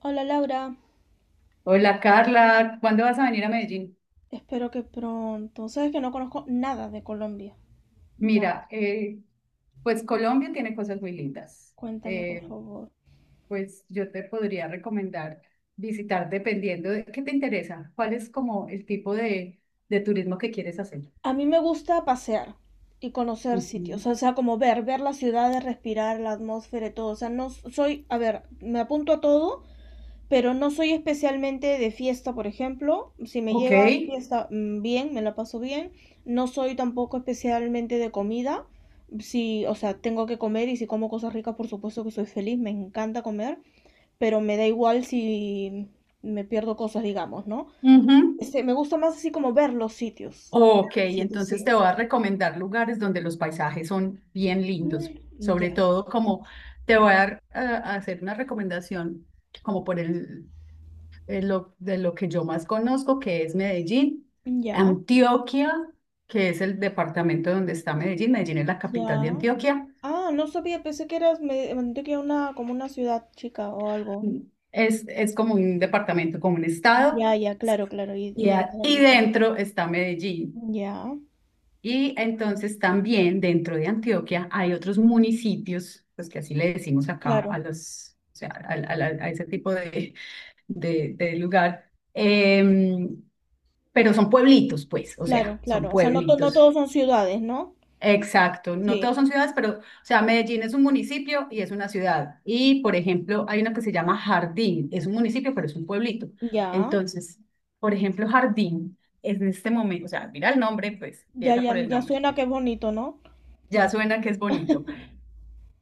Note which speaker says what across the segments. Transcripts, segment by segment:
Speaker 1: Hola Laura,
Speaker 2: Hola Carla, ¿cuándo vas a venir a Medellín?
Speaker 1: espero que pronto. Sabes que no conozco nada de Colombia, nada.
Speaker 2: Mira, pues Colombia tiene cosas muy lindas.
Speaker 1: Cuéntame por
Speaker 2: Eh,
Speaker 1: favor.
Speaker 2: pues yo te podría recomendar visitar dependiendo de qué te interesa, cuál es como el tipo de turismo que quieres hacer.
Speaker 1: A mí me gusta pasear y conocer sitios,
Speaker 2: Ujú.
Speaker 1: o sea, como ver las ciudades, respirar la atmósfera y todo. O sea, no soy, a ver, me apunto a todo, pero no soy especialmente de fiesta, por ejemplo. Si me
Speaker 2: Ok.
Speaker 1: lleva a fiesta, bien, me la paso bien. No soy tampoco especialmente de comida. Si, o sea, tengo que comer y si como cosas ricas, por supuesto que soy feliz, me encanta comer, pero me da igual si me pierdo cosas, digamos, ¿no?
Speaker 2: Ujú.
Speaker 1: Me gusta más así como ver los sitios.
Speaker 2: Ok,
Speaker 1: Los sitios, sí.
Speaker 2: entonces te voy a recomendar lugares donde los paisajes son bien lindos, sobre
Speaker 1: Ya,
Speaker 2: todo como te voy a hacer una recomendación como por el de lo que yo más conozco, que es Medellín,
Speaker 1: ya,
Speaker 2: Antioquia, que es el departamento donde está Medellín. Medellín es la capital de
Speaker 1: ya.
Speaker 2: Antioquia.
Speaker 1: Ah, no sabía, pensé que eras, me mandé que una, como una ciudad chica o algo.
Speaker 2: Es como un departamento, como un estado,
Speaker 1: Ya, ya, claro, claro, y
Speaker 2: y,
Speaker 1: me
Speaker 2: a-
Speaker 1: dejé
Speaker 2: y
Speaker 1: arbitrar.
Speaker 2: dentro está Medellín.
Speaker 1: Ya,
Speaker 2: Y entonces también dentro de Antioquia hay otros municipios, pues que así le decimos acá a
Speaker 1: claro,
Speaker 2: los, o sea, a ese tipo de lugar, pero son pueblitos, pues, o
Speaker 1: claro,
Speaker 2: sea, son
Speaker 1: claro. O sea, no, no todos
Speaker 2: pueblitos.
Speaker 1: son ciudades, ¿no?
Speaker 2: Exacto, no
Speaker 1: Sí,
Speaker 2: todos son ciudades, pero, o sea, Medellín es un municipio y es una ciudad. Y, por ejemplo, hay una que se llama Jardín, es un municipio, pero es un pueblito.
Speaker 1: ya,
Speaker 2: Entonces, por ejemplo, Jardín es en este momento, o sea, mira el nombre, pues
Speaker 1: ya,
Speaker 2: empieza
Speaker 1: ya,
Speaker 2: por el
Speaker 1: ya
Speaker 2: nombre.
Speaker 1: suena que es bonito, ¿no?
Speaker 2: Ya suena que es bonito.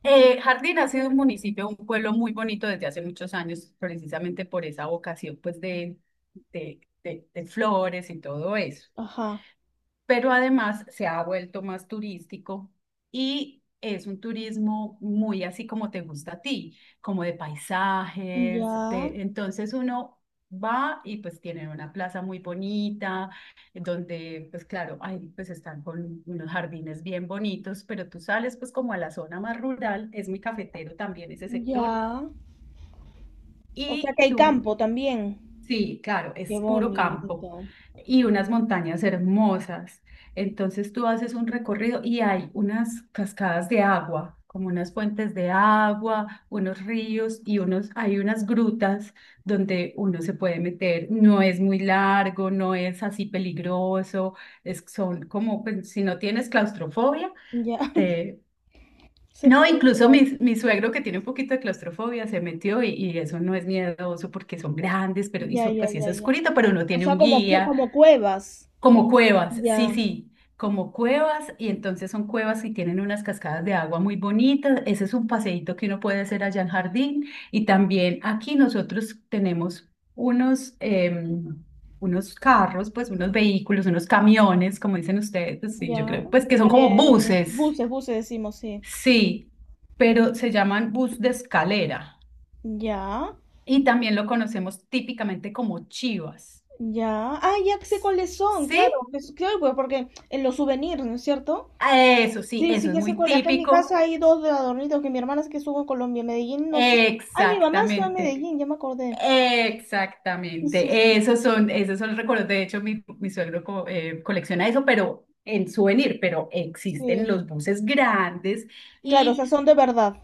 Speaker 2: Jardín ha sido un municipio, un pueblo muy bonito desde hace muchos años, precisamente por esa vocación, pues, de, de flores y todo eso.
Speaker 1: Ajá,
Speaker 2: Pero además se ha vuelto más turístico y es un turismo muy así como te gusta a ti, como de paisajes,
Speaker 1: ya,
Speaker 2: entonces uno va y pues tienen una plaza muy bonita, donde pues claro, ahí pues están con unos jardines bien bonitos, pero tú sales pues como a la zona más rural, es muy cafetero también ese sector.
Speaker 1: ya. O sea que
Speaker 2: Y
Speaker 1: hay
Speaker 2: tú
Speaker 1: campo también.
Speaker 2: Sí, claro,
Speaker 1: Qué
Speaker 2: es puro campo
Speaker 1: bonito.
Speaker 2: y unas montañas hermosas. Entonces tú haces un recorrido y hay unas cascadas de agua, como unas fuentes de agua, unos ríos y unos, hay unas grutas donde uno se puede meter. No es muy largo, no es así peligroso. Son como, pues, si no tienes claustrofobia,
Speaker 1: Ya,
Speaker 2: te,
Speaker 1: se
Speaker 2: no,
Speaker 1: puede
Speaker 2: incluso
Speaker 1: entrar.
Speaker 2: mi suegro que tiene un poquito de claustrofobia se metió, y eso no es miedoso porque son grandes,
Speaker 1: Ya, ya,
Speaker 2: pues sí es
Speaker 1: ya, ya.
Speaker 2: oscurito, pero uno
Speaker 1: O
Speaker 2: tiene
Speaker 1: sea,
Speaker 2: un
Speaker 1: como,
Speaker 2: guía,
Speaker 1: como cuevas.
Speaker 2: como cuevas, sí,
Speaker 1: Ya,
Speaker 2: sí, como cuevas y entonces son cuevas y tienen unas cascadas de agua muy bonitas. Ese es un paseíto que uno puede hacer allá en Jardín y también aquí nosotros tenemos unos carros, pues unos vehículos, unos camiones, como dicen ustedes, pues, sí, yo
Speaker 1: ya.
Speaker 2: creo, pues que son como buses.
Speaker 1: Buses, buses decimos, sí.
Speaker 2: Sí, pero se llaman bus de escalera
Speaker 1: Ya,
Speaker 2: y también lo conocemos típicamente como chivas.
Speaker 1: ya. Ah, ya sé cuáles son,
Speaker 2: ¿Sí?
Speaker 1: claro. Claro, pues porque en los souvenirs, ¿no es cierto?
Speaker 2: Eso sí,
Speaker 1: Sí,
Speaker 2: eso
Speaker 1: sí,
Speaker 2: es
Speaker 1: ya sé
Speaker 2: muy
Speaker 1: cuál. Acá en mi casa
Speaker 2: típico.
Speaker 1: hay dos de adornitos que mi hermana es que estuvo en Colombia, en Medellín, no sé. Ay, mi mamá estuvo en
Speaker 2: Exactamente,
Speaker 1: Medellín, ya me acordé. Sí, sí,
Speaker 2: exactamente.
Speaker 1: sí.
Speaker 2: Esos son los recuerdos. De hecho, mi suegro colecciona eso, pero en souvenir, pero existen
Speaker 1: Sí.
Speaker 2: los buses grandes.
Speaker 1: Claro, o sea,
Speaker 2: y
Speaker 1: son de verdad.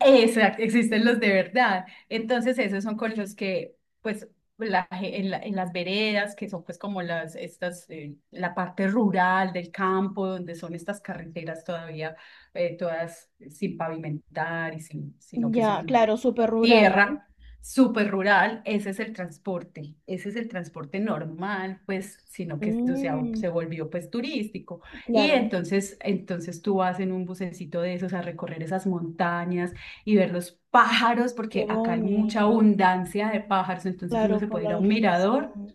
Speaker 2: Exacto, existen los de verdad. Entonces, esos son con los que, pues, la ge- en, la- en las veredas, que son pues como las, estas, la parte rural del campo, donde son estas carreteras todavía, todas sin pavimentar, y sin, sino que
Speaker 1: Ya,
Speaker 2: son
Speaker 1: claro, súper rural, ¿no?
Speaker 2: tierra, súper rural, ese es el transporte, ese es el transporte normal, pues, sino que eso se, ha-
Speaker 1: Mm,
Speaker 2: se volvió pues turístico. Y
Speaker 1: claro,
Speaker 2: entonces tú vas en un bucecito de esos a recorrer esas montañas y ver los pájaros,
Speaker 1: qué
Speaker 2: porque acá hay
Speaker 1: bonito.
Speaker 2: mucha abundancia de pájaros, entonces uno
Speaker 1: Claro,
Speaker 2: se
Speaker 1: por
Speaker 2: puede ir
Speaker 1: la
Speaker 2: a un mirador.
Speaker 1: vegetación.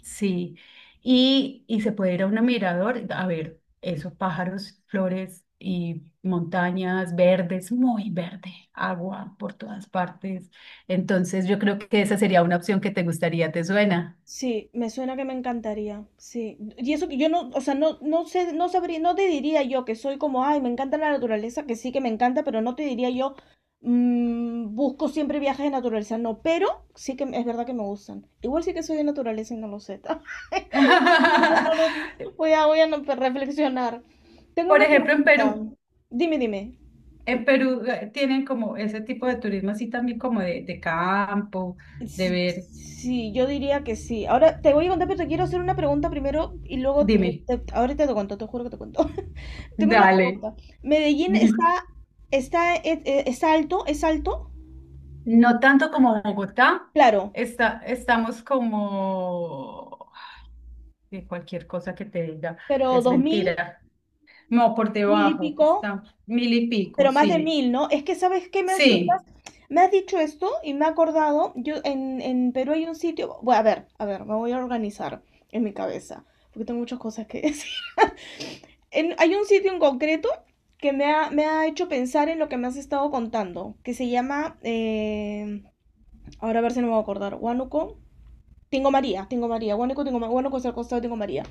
Speaker 2: Sí, y se puede ir a un mirador a ver esos pájaros, flores y montañas verdes, muy verde, agua por todas partes. Entonces yo creo que esa sería una opción que te gustaría, ¿te suena?
Speaker 1: Sí, me suena que me encantaría. Sí, y eso que yo no, o sea, no, no sé, no sabría, no te diría yo que soy como, ay, me encanta la naturaleza, que sí que me encanta, pero no te diría yo, busco siempre viajes de naturaleza, no, pero sí que es verdad que me gustan. Igual sí que soy de naturaleza y no lo sé. No, no, no, voy a reflexionar. Tengo
Speaker 2: Por
Speaker 1: una
Speaker 2: ejemplo,
Speaker 1: pregunta. Dime, dime.
Speaker 2: En Perú tienen como ese tipo de turismo así también como de campo, de
Speaker 1: S-
Speaker 2: ver.
Speaker 1: Sí, yo diría que sí. Ahora te voy a contar, pero te quiero hacer una pregunta primero y luego te,
Speaker 2: Dime,
Speaker 1: ahorita te cuento, te juro que te cuento. Tengo una
Speaker 2: dale,
Speaker 1: pregunta. ¿Medellín está,
Speaker 2: dime.
Speaker 1: está, eh, eh, es, alto? ¿Es alto?
Speaker 2: No tanto como Bogotá,
Speaker 1: Claro,
Speaker 2: estamos como que cualquier cosa que te diga
Speaker 1: pero
Speaker 2: es
Speaker 1: 2000,
Speaker 2: mentira. No, por
Speaker 1: mil y
Speaker 2: debajo,
Speaker 1: pico,
Speaker 2: está mil y pico,
Speaker 1: pero más de
Speaker 2: sí.
Speaker 1: mil, ¿no? Es que, ¿sabes qué? Me has,
Speaker 2: Sí,
Speaker 1: me has dicho esto y me he acordado, yo en, Perú hay un sitio, bueno, a ver, me voy a organizar en mi cabeza, porque tengo muchas cosas que decir. Hay un sitio en concreto que me ha hecho pensar en lo que me has estado contando, que se llama, ahora a ver si no me voy a acordar, Huánuco, Tingo María, Tingo María, Huánuco, Tingo María. Huánuco es al costado de Tingo María.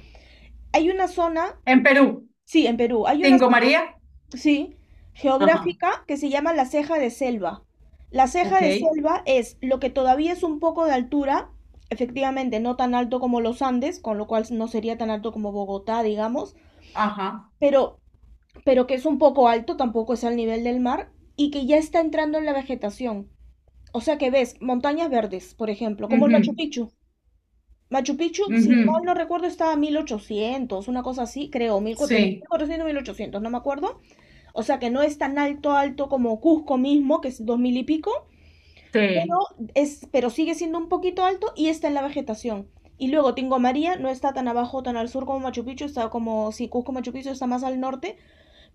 Speaker 1: Hay una zona,
Speaker 2: en Perú,
Speaker 1: sí, en Perú, hay una
Speaker 2: Tingo
Speaker 1: zona,
Speaker 2: María,
Speaker 1: sí,
Speaker 2: ajá,
Speaker 1: geográfica que se llama la ceja de selva. La ceja
Speaker 2: ok,
Speaker 1: de selva es lo que todavía es un poco de altura, efectivamente no tan alto como los Andes, con lo cual no sería tan alto como Bogotá, digamos,
Speaker 2: ajá,
Speaker 1: pero pero que es un poco alto, tampoco es al nivel del mar, y que ya está entrando en la vegetación. O sea que ves montañas verdes, por ejemplo, como el Machu
Speaker 2: mhm,
Speaker 1: Picchu. Machu Picchu, si mal
Speaker 2: mhm,
Speaker 1: no recuerdo, estaba a 1800, una cosa así, creo,
Speaker 2: sí,
Speaker 1: 1400, 1800, no me acuerdo. O sea que no es tan alto, alto como Cusco mismo, que es 2000 y pico,
Speaker 2: sí,
Speaker 1: pero sigue siendo un poquito alto y está en la vegetación. Y luego Tingo María no está tan abajo, tan al sur como Machu Picchu, está como, si Cusco Machu Picchu está más al norte,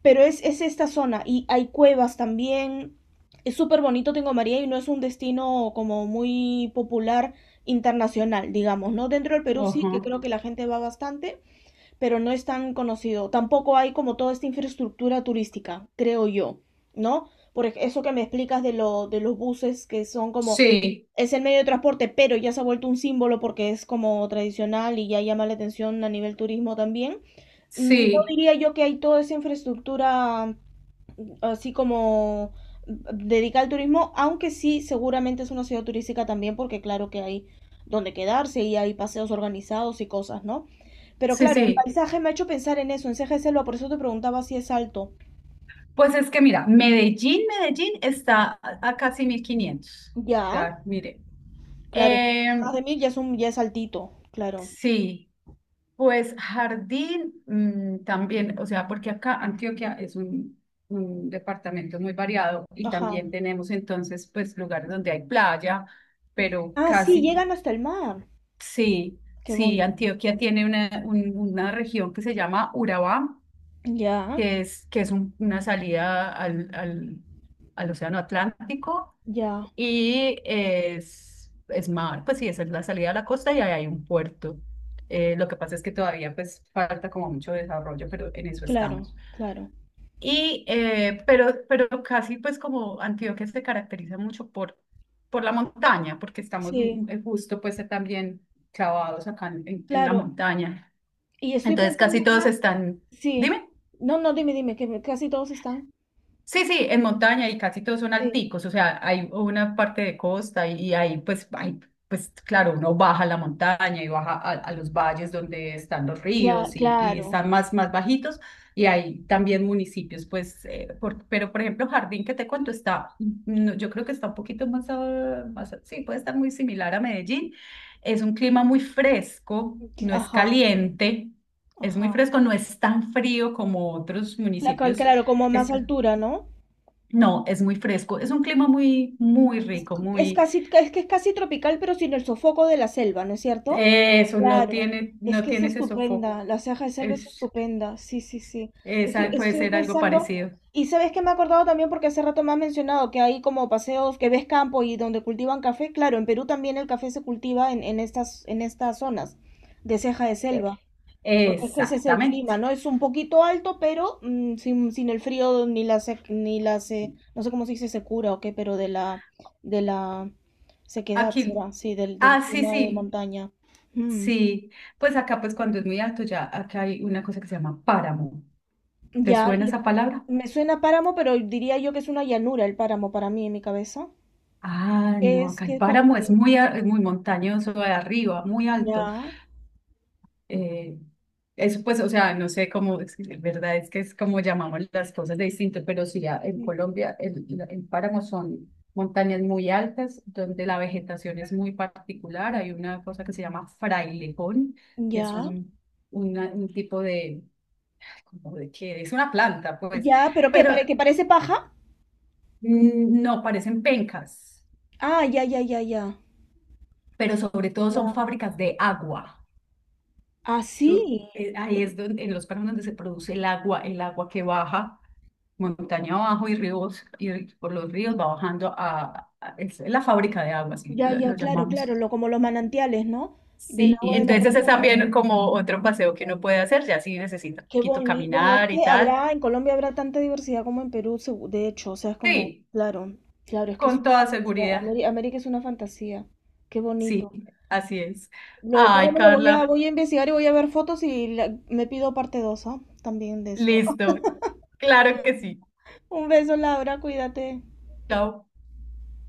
Speaker 1: pero es esta zona y hay cuevas también. Es súper bonito Tingo María y no es un destino como muy popular internacional, digamos, ¿no? Dentro del Perú sí,
Speaker 2: ajá,
Speaker 1: que creo que la gente va bastante, pero no es tan conocido. Tampoco hay como toda esta infraestructura turística, creo yo, ¿no? Eso que me explicas de, de los buses que son como,
Speaker 2: sí,
Speaker 1: es el medio de transporte, pero ya se ha vuelto un símbolo porque es como tradicional y ya llama la atención a nivel turismo también. No
Speaker 2: sí,
Speaker 1: diría yo que hay toda esa infraestructura así como mm, dedicada al turismo, aunque sí, seguramente es una ciudad turística también, porque claro que hay donde quedarse y hay paseos organizados y cosas, ¿no? Pero
Speaker 2: sí,
Speaker 1: claro, el
Speaker 2: sí.
Speaker 1: paisaje me ha hecho pensar en eso, en Ceja de Selva, por eso te preguntaba si es alto.
Speaker 2: Pues es que mira, Medellín está a casi 1.500.
Speaker 1: Ya,
Speaker 2: Ya, mire.
Speaker 1: claro, más de
Speaker 2: Em,
Speaker 1: mil ya es altito, claro.
Speaker 2: Sí, pues Jardín también, o sea, porque acá Antioquia es un departamento muy variado y
Speaker 1: Ajá.
Speaker 2: también tenemos entonces pues lugares donde hay playa, pero
Speaker 1: Ah, sí,
Speaker 2: casi,
Speaker 1: llegan hasta el mar.
Speaker 2: sí,
Speaker 1: Qué
Speaker 2: sí,
Speaker 1: bonito.
Speaker 2: Antioquia tiene una región que se llama Urabá,
Speaker 1: Ya,
Speaker 2: que es una salida al, al Océano Atlántico
Speaker 1: ya,
Speaker 2: y es mar, pues sí, esa es la salida a la costa y ahí hay un puerto. Lo que pasa es que todavía pues falta como mucho desarrollo, pero en eso
Speaker 1: claro,
Speaker 2: estamos.
Speaker 1: claro.
Speaker 2: Y, pero casi pues como Antioquia se caracteriza mucho por la montaña, porque estamos
Speaker 1: Sí,
Speaker 2: justo pues también clavados acá en la
Speaker 1: claro.
Speaker 2: montaña.
Speaker 1: Y estoy
Speaker 2: Entonces
Speaker 1: pensando
Speaker 2: casi todos
Speaker 1: ahora,
Speaker 2: están.
Speaker 1: sí.
Speaker 2: Dime.
Speaker 1: No, no, dime, dime, que casi todos están.
Speaker 2: Sí, sí, en montaña y casi todos son
Speaker 1: Sí,
Speaker 2: alticos, o sea, hay una parte de costa y ahí pues, pues claro, uno baja la montaña y baja a los valles donde están los ríos y
Speaker 1: claro.
Speaker 2: están más bajitos y hay también municipios, pues, pero por ejemplo, Jardín que te cuento está, no, yo creo que está un poquito más, sí, puede estar muy similar a Medellín, es un clima muy fresco, no es
Speaker 1: Ajá,
Speaker 2: caliente, es muy
Speaker 1: ajá.
Speaker 2: fresco, no es tan frío como otros municipios
Speaker 1: Claro, como a
Speaker 2: que
Speaker 1: más
Speaker 2: está-
Speaker 1: altura, ¿no?
Speaker 2: no, es muy fresco, es un clima muy, muy
Speaker 1: Es,
Speaker 2: rico,
Speaker 1: es
Speaker 2: muy...
Speaker 1: casi, es que es casi tropical, pero sin el sofoco de la selva, ¿no es cierto?
Speaker 2: Eso, no
Speaker 1: Claro,
Speaker 2: tiene,
Speaker 1: es
Speaker 2: no
Speaker 1: que es
Speaker 2: tiene ese sofoco.
Speaker 1: estupenda, la ceja de selva es
Speaker 2: Es,
Speaker 1: estupenda, sí, sí, sí. Estoy,
Speaker 2: esa puede
Speaker 1: estoy
Speaker 2: ser algo
Speaker 1: pensando,
Speaker 2: parecido.
Speaker 1: y sabes que me he acordado también porque hace rato me has mencionado que hay como paseos que ves campo y donde cultivan café, claro, en Perú también el café se cultiva en estas zonas de ceja de
Speaker 2: Eh,
Speaker 1: selva. Porque es que ese es el clima,
Speaker 2: Exactamente.
Speaker 1: ¿no? Es un poquito alto, pero sin el frío ni la sec- ni la se- no sé cómo se dice secura o qué, pero de la sequedad
Speaker 2: Aquí,
Speaker 1: será, sí, del
Speaker 2: ah, sí,
Speaker 1: clima de
Speaker 2: sí,
Speaker 1: montaña. Mm,
Speaker 2: sí. Pues acá, pues cuando es muy alto, ya acá hay una cosa que se llama páramo. ¿Te
Speaker 1: ya,
Speaker 2: suena
Speaker 1: y
Speaker 2: esa palabra?
Speaker 1: me suena páramo, pero diría yo que es una llanura el páramo para mí en mi cabeza.
Speaker 2: Ah,
Speaker 1: ¿Qué
Speaker 2: no,
Speaker 1: es?
Speaker 2: acá el
Speaker 1: ¿Qué es para
Speaker 2: páramo es
Speaker 1: ti?
Speaker 2: muy montañoso de arriba, muy alto.
Speaker 1: Ya,
Speaker 2: Eh, Eso pues, o sea, no sé cómo, es que la verdad es que es como llamamos las cosas de distinto, pero sí, en Colombia el, el páramo son montañas muy altas donde la vegetación es muy particular. Hay una cosa que se llama frailejón, que es
Speaker 1: ya,
Speaker 2: un tipo de, ay, ¿cómo de qué? Es una planta, pues,
Speaker 1: ya, pero ¿qué?
Speaker 2: pero
Speaker 1: ¿Para que parece paja?
Speaker 2: no parecen pencas,
Speaker 1: Ah, ya, ya, ya, ya.
Speaker 2: pero sobre todo son
Speaker 1: Ya.
Speaker 2: fábricas de agua.
Speaker 1: Ah,
Speaker 2: Eso,
Speaker 1: sí.
Speaker 2: ahí es donde, en los páramos donde se produce el agua que baja montaña abajo y ríos, y por los ríos va bajando es la fábrica de agua, así
Speaker 1: Ya,
Speaker 2: lo,
Speaker 1: ya,
Speaker 2: lo
Speaker 1: claro, claro,
Speaker 2: llamamos.
Speaker 1: como los manantiales, ¿no? Del
Speaker 2: Y
Speaker 1: agua de la
Speaker 2: entonces es
Speaker 1: propia montaña.
Speaker 2: también como otro paseo que uno puede hacer, ya si necesita un
Speaker 1: Qué
Speaker 2: poquito
Speaker 1: bonito. Bueno, es
Speaker 2: caminar y
Speaker 1: que
Speaker 2: tal.
Speaker 1: habrá, en Colombia habrá tanta diversidad como en Perú, de hecho, o sea, es como,
Speaker 2: Sí,
Speaker 1: claro, claro, es que es
Speaker 2: con
Speaker 1: una
Speaker 2: toda
Speaker 1: fantasía.
Speaker 2: seguridad.
Speaker 1: América es una fantasía. Qué
Speaker 2: Sí,
Speaker 1: bonito.
Speaker 2: así es.
Speaker 1: Lo del
Speaker 2: Ay,
Speaker 1: páramo lo voy a,
Speaker 2: Carla,
Speaker 1: voy a investigar y voy a ver fotos y me pido parte 2, también de esto.
Speaker 2: listo. Claro que sí.
Speaker 1: Un beso, Laura, cuídate.
Speaker 2: Chao.